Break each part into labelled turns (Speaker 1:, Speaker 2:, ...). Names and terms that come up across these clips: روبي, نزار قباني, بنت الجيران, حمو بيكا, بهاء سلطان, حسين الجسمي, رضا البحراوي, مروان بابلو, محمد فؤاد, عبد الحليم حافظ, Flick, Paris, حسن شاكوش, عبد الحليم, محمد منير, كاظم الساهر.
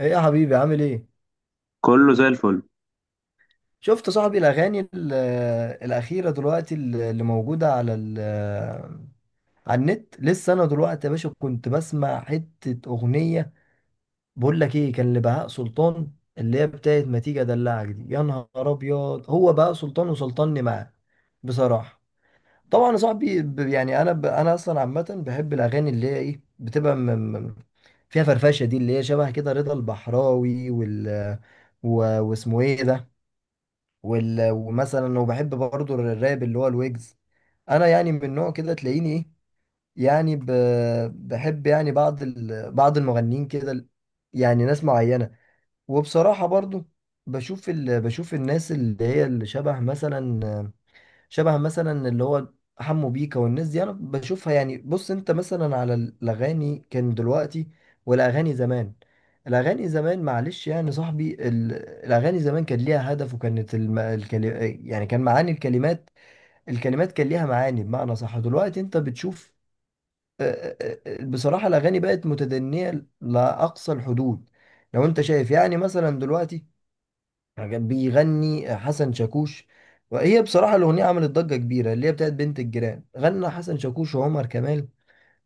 Speaker 1: ايه يا حبيبي، عامل ايه؟
Speaker 2: كله زي الفل.
Speaker 1: شفت صاحبي الاغاني الاخيره دلوقتي اللي موجوده على النت؟ لسه انا دلوقتي يا باشا كنت بسمع حته اغنيه. بقول لك ايه، كان لبهاء سلطان اللي هي بتاعت ما تيجي ادلعك. دي يا نهار ابيض، هو بهاء سلطان وسلطني معاه بصراحه. طبعا يا صاحبي، يعني انا اصلا عامه بحب الاغاني اللي هي ايه بتبقى م- فيها فرفشه، دي اللي هي شبه كده رضا البحراوي، و... واسمه ايه ده، ومثلا وبحب برضو الراب اللي هو الويجز. انا يعني من نوع كده تلاقيني ايه، يعني بحب يعني بعض المغنيين كده، يعني ناس معينة. وبصراحة برضو بشوف الناس اللي هي اللي شبه مثلا اللي هو حمو بيكا والناس دي انا بشوفها. يعني بص انت مثلا على الاغاني كان دلوقتي والاغاني زمان. الاغاني زمان معلش يعني صاحبي، الاغاني زمان كان ليها هدف وكانت يعني كان معاني الكلمات، الكلمات كان ليها معاني، بمعنى صح دلوقتي انت بتشوف. آه، بصراحة الاغاني بقت متدنية لاقصى الحدود. لو انت شايف يعني مثلا دلوقتي كان بيغني حسن شاكوش، وهي بصراحة الأغنية عملت ضجة كبيرة، اللي هي بتاعت بنت الجيران، غنى حسن شاكوش وعمر كمال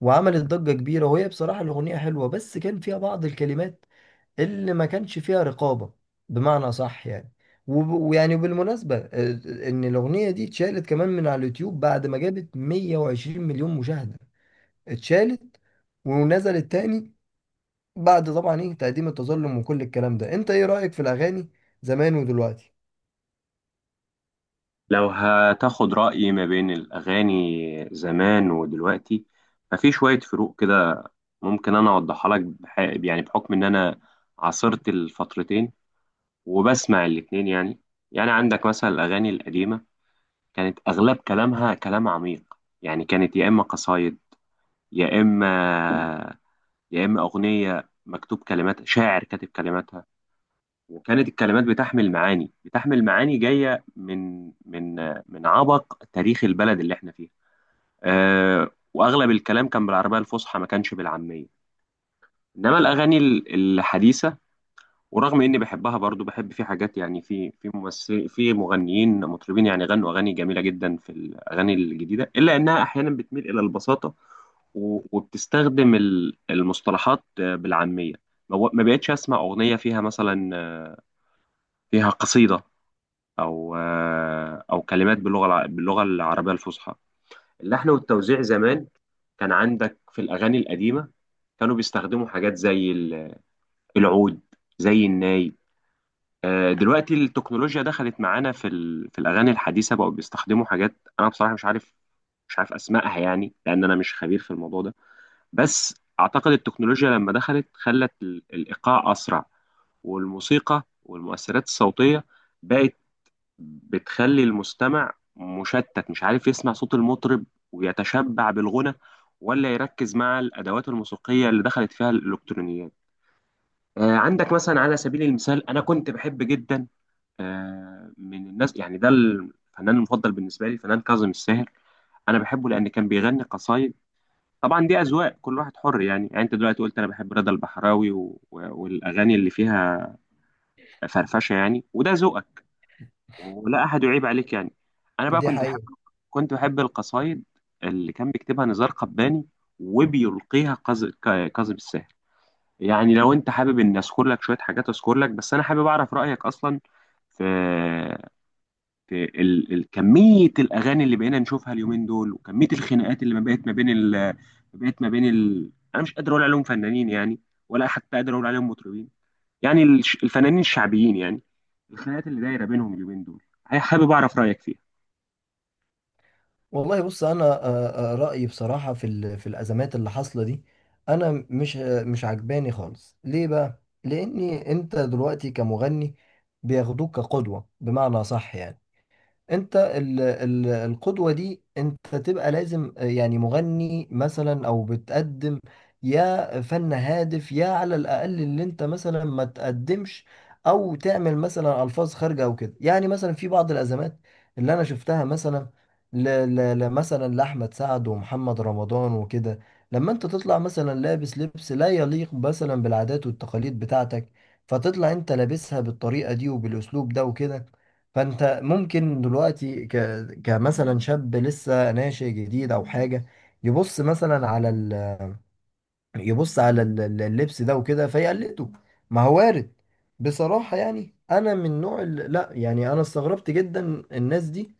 Speaker 1: وعملت ضجة كبيرة. وهي بصراحة الأغنية حلوة، بس كان فيها بعض الكلمات اللي ما كانش فيها رقابة، بمعنى صح يعني. وب- ويعني بالمناسبة إن الأغنية دي اتشالت كمان من على اليوتيوب بعد ما جابت 120 مليون مشاهدة، اتشالت ونزلت تاني بعد طبعا ايه تقديم التظلم وكل الكلام ده. انت ايه رأيك في الأغاني زمان ودلوقتي؟
Speaker 2: لو هتاخد رأيي ما بين الأغاني زمان ودلوقتي، ففي شوية فروق كده. ممكن أنا أوضحها لك يعني بحكم إن أنا عاصرت الفترتين وبسمع الاتنين يعني عندك مثلا الأغاني القديمة كانت أغلب كلامها كلام عميق. يعني كانت يا إما قصايد، يا إما يا إما أغنية مكتوب كلمات شاعر كاتب كلماتها. وكانت الكلمات بتحمل معاني، بتحمل معاني جاية من عبق تاريخ البلد اللي احنا فيها. أه، واغلب الكلام كان بالعربية الفصحى، ما كانش بالعامية. انما الاغاني الحديثة، ورغم اني بحبها برضو، بحب في حاجات، يعني في ممثل، في مغنيين مطربين يعني غنوا اغاني جميلة جدا في الاغاني الجديدة، الا انها احيانا بتميل الى البساطة وبتستخدم المصطلحات بالعامية. ما بقتش اسمع اغنية فيها مثلا فيها قصيدة، او او كلمات باللغه العربيه الفصحى. اللحن والتوزيع زمان كان عندك في الاغاني القديمه، كانوا بيستخدموا حاجات زي العود، زي الناي. دلوقتي التكنولوجيا دخلت معانا في الاغاني الحديثه، بقوا بيستخدموا حاجات انا بصراحه مش عارف، مش عارف اسمائها، يعني لان انا مش خبير في الموضوع ده. بس اعتقد التكنولوجيا لما دخلت خلت الايقاع اسرع، والموسيقى والمؤثرات الصوتيه بقت بتخلي المستمع مشتت، مش عارف يسمع صوت المطرب ويتشبع بالغنى، ولا يركز مع الأدوات الموسيقية اللي دخلت فيها الإلكترونيات. آه، عندك مثلا على سبيل المثال، أنا كنت بحب جدا آه، من الناس، يعني ده الفنان المفضل بالنسبة لي فنان كاظم الساهر. أنا بحبه لأن كان بيغني قصايد. طبعا دي أذواق، كل واحد حر يعني. يعني أنت دلوقتي قلت أنا بحب رضا البحراوي والأغاني اللي فيها فرفشة يعني، وده ذوقك ولا احد يعيب عليك يعني. انا بقى
Speaker 1: دي
Speaker 2: كنت بحب،
Speaker 1: حقيقة.
Speaker 2: كنت بحب القصايد اللي كان بيكتبها نزار قباني وبيلقيها كاظم الساهر. يعني لو انت حابب ان اذكر لك شويه حاجات اذكر لك. بس انا حابب اعرف رايك اصلا في كميه الاغاني اللي بقينا نشوفها اليومين دول، وكميه الخناقات اللي ما بقت ما بين انا مش قادر اقول عليهم فنانين يعني، ولا حتى قادر اقول عليهم مطربين. يعني الفنانين الشعبيين يعني، الخناقات اللي دايره بينهم اليومين دول حابب اعرف رايك فيها.
Speaker 1: والله بص، انا رايي بصراحه في الازمات اللي حاصله دي، انا مش عجباني خالص. ليه بقى؟ لاني انت دلوقتي كمغني بياخدوك كقدوه، بمعنى صح يعني، انت ال ال القدوة دي انت تبقى لازم، يعني مغني مثلا او بتقدم يا فن هادف يا على الاقل اللي انت مثلا ما تقدمش او تعمل مثلا الفاظ خارجة او كده. يعني مثلا في بعض الازمات اللي انا شفتها، مثلا مثلا لاحمد سعد ومحمد رمضان وكده، لما انت تطلع مثلا لابس لبس لا يليق مثلا بالعادات والتقاليد بتاعتك، فتطلع انت لابسها بالطريقة دي وبالاسلوب ده وكده، فانت ممكن دلوقتي كمثلا شاب لسه ناشئ جديد او حاجه يبص مثلا على، يبص على اللبس ده وكده فيقلده. ما هو وارد. بصراحة يعني، أنا من نوع لا يعني، أنا استغربت جدا الناس دي.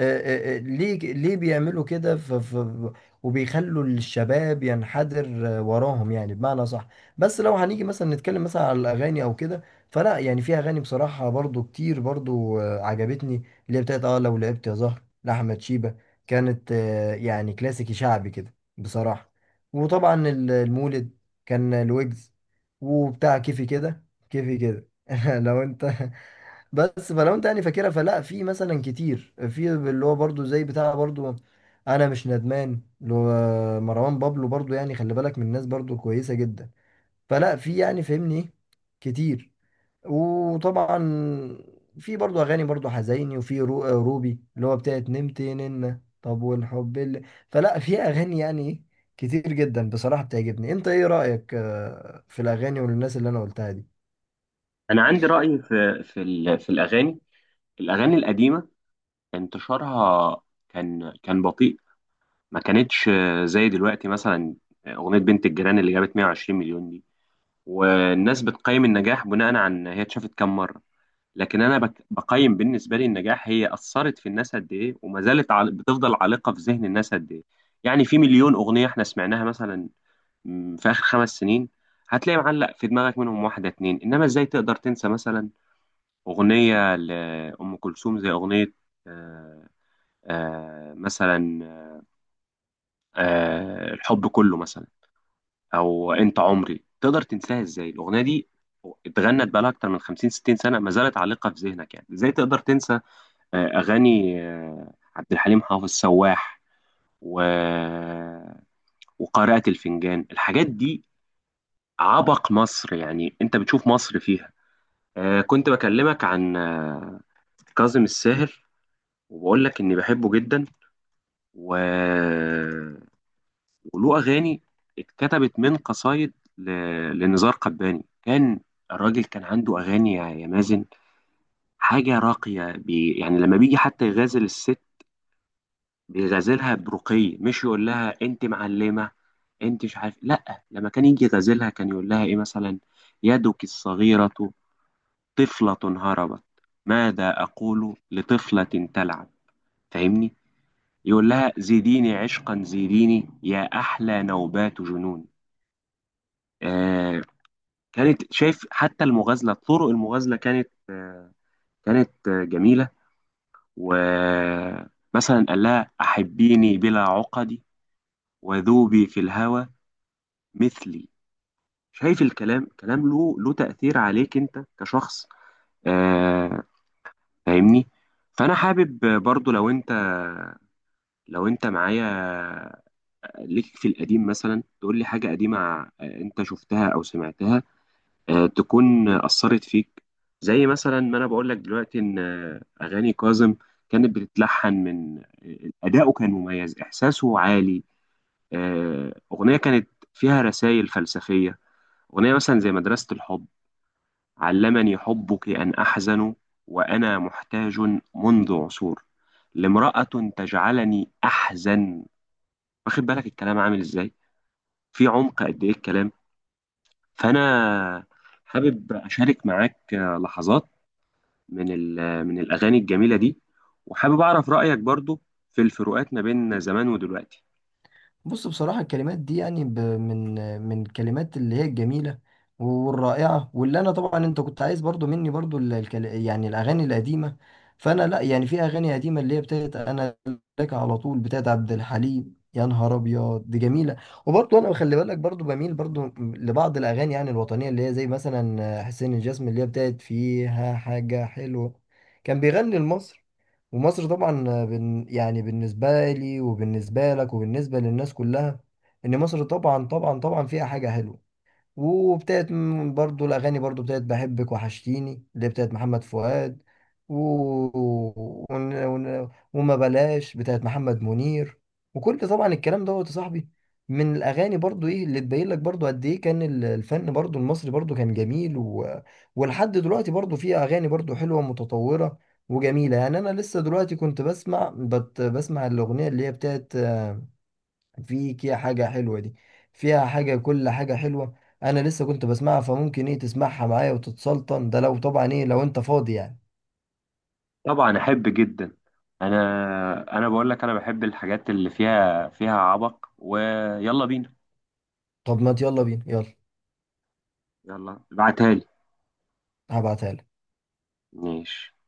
Speaker 1: آه، ليه بيعملوا كده؟ وبيخلوا الشباب ينحدر وراهم، يعني بمعنى صح. بس لو هنيجي مثلا نتكلم مثلا على الأغاني أو كده، فلا يعني في أغاني بصراحة برضو كتير، برضو عجبتني، اللي هي بتاعت لو لعبت يا زهر لأحمد شيبة، كانت يعني كلاسيكي شعبي كده بصراحة. وطبعا المولد كان الويجز وبتاع كيفي كده كيفي كده لو انت بس فلو انت يعني فاكرها، فلا في مثلا كتير في اللي هو برضو زي بتاع برضو، انا مش ندمان اللي هو مروان بابلو برضو، يعني خلي بالك من الناس برضو كويسة جدا، فلا في يعني فهمني ايه، كتير. وطبعا في برضو اغاني برضو حزيني، وفي روبي اللي هو بتاعت نمت ننة طب والحب اللي، فلا في اغاني يعني كتير جدا بصراحة بتعجبني. انت ايه رأيك في الاغاني والناس اللي انا قلتها دي؟
Speaker 2: انا عندي راي في في الاغاني. الاغاني القديمه انتشارها كان بطيء، ما كانتش زي دلوقتي. مثلا اغنيه بنت الجيران اللي جابت 120 مليون دي، والناس بتقيم النجاح بناء على ان هي اتشافت كام مره. لكن انا بقيم بالنسبه لي النجاح هي اثرت في الناس قد ايه، وما زالت بتفضل عالقه في ذهن الناس قد ايه. يعني في مليون اغنيه احنا سمعناها مثلا في اخر 5 سنين، هتلاقي معلق في دماغك منهم واحده اتنين. انما ازاي تقدر تنسى مثلا أغنية لأم كلثوم زي أغنية آه، مثلا الحب كله مثلا، أو أنت عمري؟ تقدر تنساها إزاي الأغنية دي؟ اتغنت بقالها أكتر من 50 60 سنة، ما زالت عالقة في ذهنك. يعني إزاي تقدر تنسى أغاني عبد الحليم حافظ، سواح و... وقارئة الفنجان؟ الحاجات دي عبق مصر، يعني أنت بتشوف مصر فيها. كنت بكلمك عن كاظم الساهر، وبقول لك إني بحبه جدا و... وله أغاني اتكتبت من قصايد ل... لنزار قباني. كان الراجل كان عنده أغاني، يا مازن، حاجة راقية. يعني لما بيجي حتى يغازل الست بيغازلها برقي، مش يقول لها أنت معلمة، أنت مش عارف. لأ، لما كان يجي يغازلها كان يقول لها إيه مثلا؟ يدك الصغيرة طفلة هربت، ماذا أقول لطفلة تلعب؟ فاهمني. يقول لها زيديني عشقا زيديني يا أحلى نوبات جنون. آه، كانت، شايف؟ حتى المغازلة، طرق المغازلة كانت جميلة. ومثلا قال لها أحبيني بلا عقدي وذوبي في الهوى مثلي. شايف الكلام؟ كلام له تأثير عليك أنت كشخص. آه، فاهمني. فأنا حابب برضو لو أنت، لو أنت معايا، ليك في القديم مثلا تقول لي حاجة قديمة أنت شفتها أو سمعتها تكون أثرت فيك، زي مثلا ما أنا بقول لك دلوقتي إن أغاني كاظم كانت بتتلحن من أداؤه كان مميز، إحساسه عالي. أغنية كانت فيها رسائل فلسفية، أغنية مثلا زي مدرسة الحب: علمني حبك أن أحزن، وأنا محتاج منذ عصور لامرأة تجعلني أحزن. واخد بالك الكلام عامل إزاي؟ في عمق قد إيه الكلام. فأنا حابب أشارك معاك لحظات من من الأغاني الجميلة دي، وحابب أعرف رأيك برضو في الفروقات ما بين زمان ودلوقتي.
Speaker 1: بص بصراحة الكلمات دي يعني من الكلمات اللي هي الجميلة والرائعة، واللي أنا طبعا أنت كنت عايز برضو مني برضو يعني الأغاني القديمة. فأنا لأ يعني، في أغاني قديمة اللي هي بتاعت، أنا لك على طول بتاعت عبد الحليم يا نهار أبيض دي جميلة. وبرضو أنا خلي بالك برضو بميل برضو لبعض الأغاني يعني الوطنية اللي هي زي مثلا حسين الجسمي اللي هي بتاعت فيها حاجة حلوة، كان بيغني لمصر، ومصر طبعا يعني بالنسبة لي وبالنسبة لك وبالنسبة للناس كلها، إن مصر طبعا طبعا طبعا فيها حاجة حلوة. وابتدت برضو الأغاني برضو ابتدت بحبك وحشتيني اللي بتاعت محمد فؤاد، و... وما بلاش بتاعت محمد منير، وكل طبعا الكلام دوت يا صاحبي من الأغاني برضو، إيه اللي تبين لك برضو قد إيه كان الفن برضو المصري برضو كان جميل، و... ولحد دلوقتي برضو فيه أغاني برضو حلوة متطورة وجميلة. يعني أنا لسه دلوقتي كنت بسمع الأغنية اللي هي بتاعت في كده حاجة حلوة دي، فيها حاجة، كل حاجة حلوة. أنا لسه كنت بسمعها، فممكن إيه تسمعها معايا وتتسلطن، ده لو طبعا إيه لو أنت فاضي يعني.
Speaker 2: طبعا أحب جدا. أنا بقول لك أنا بحب الحاجات اللي فيها عبق. ويلا بينا.
Speaker 1: طب ما يلا بينا، يلا
Speaker 2: يلا ابعتها لي.
Speaker 1: هبعتها لك.
Speaker 2: ماشي.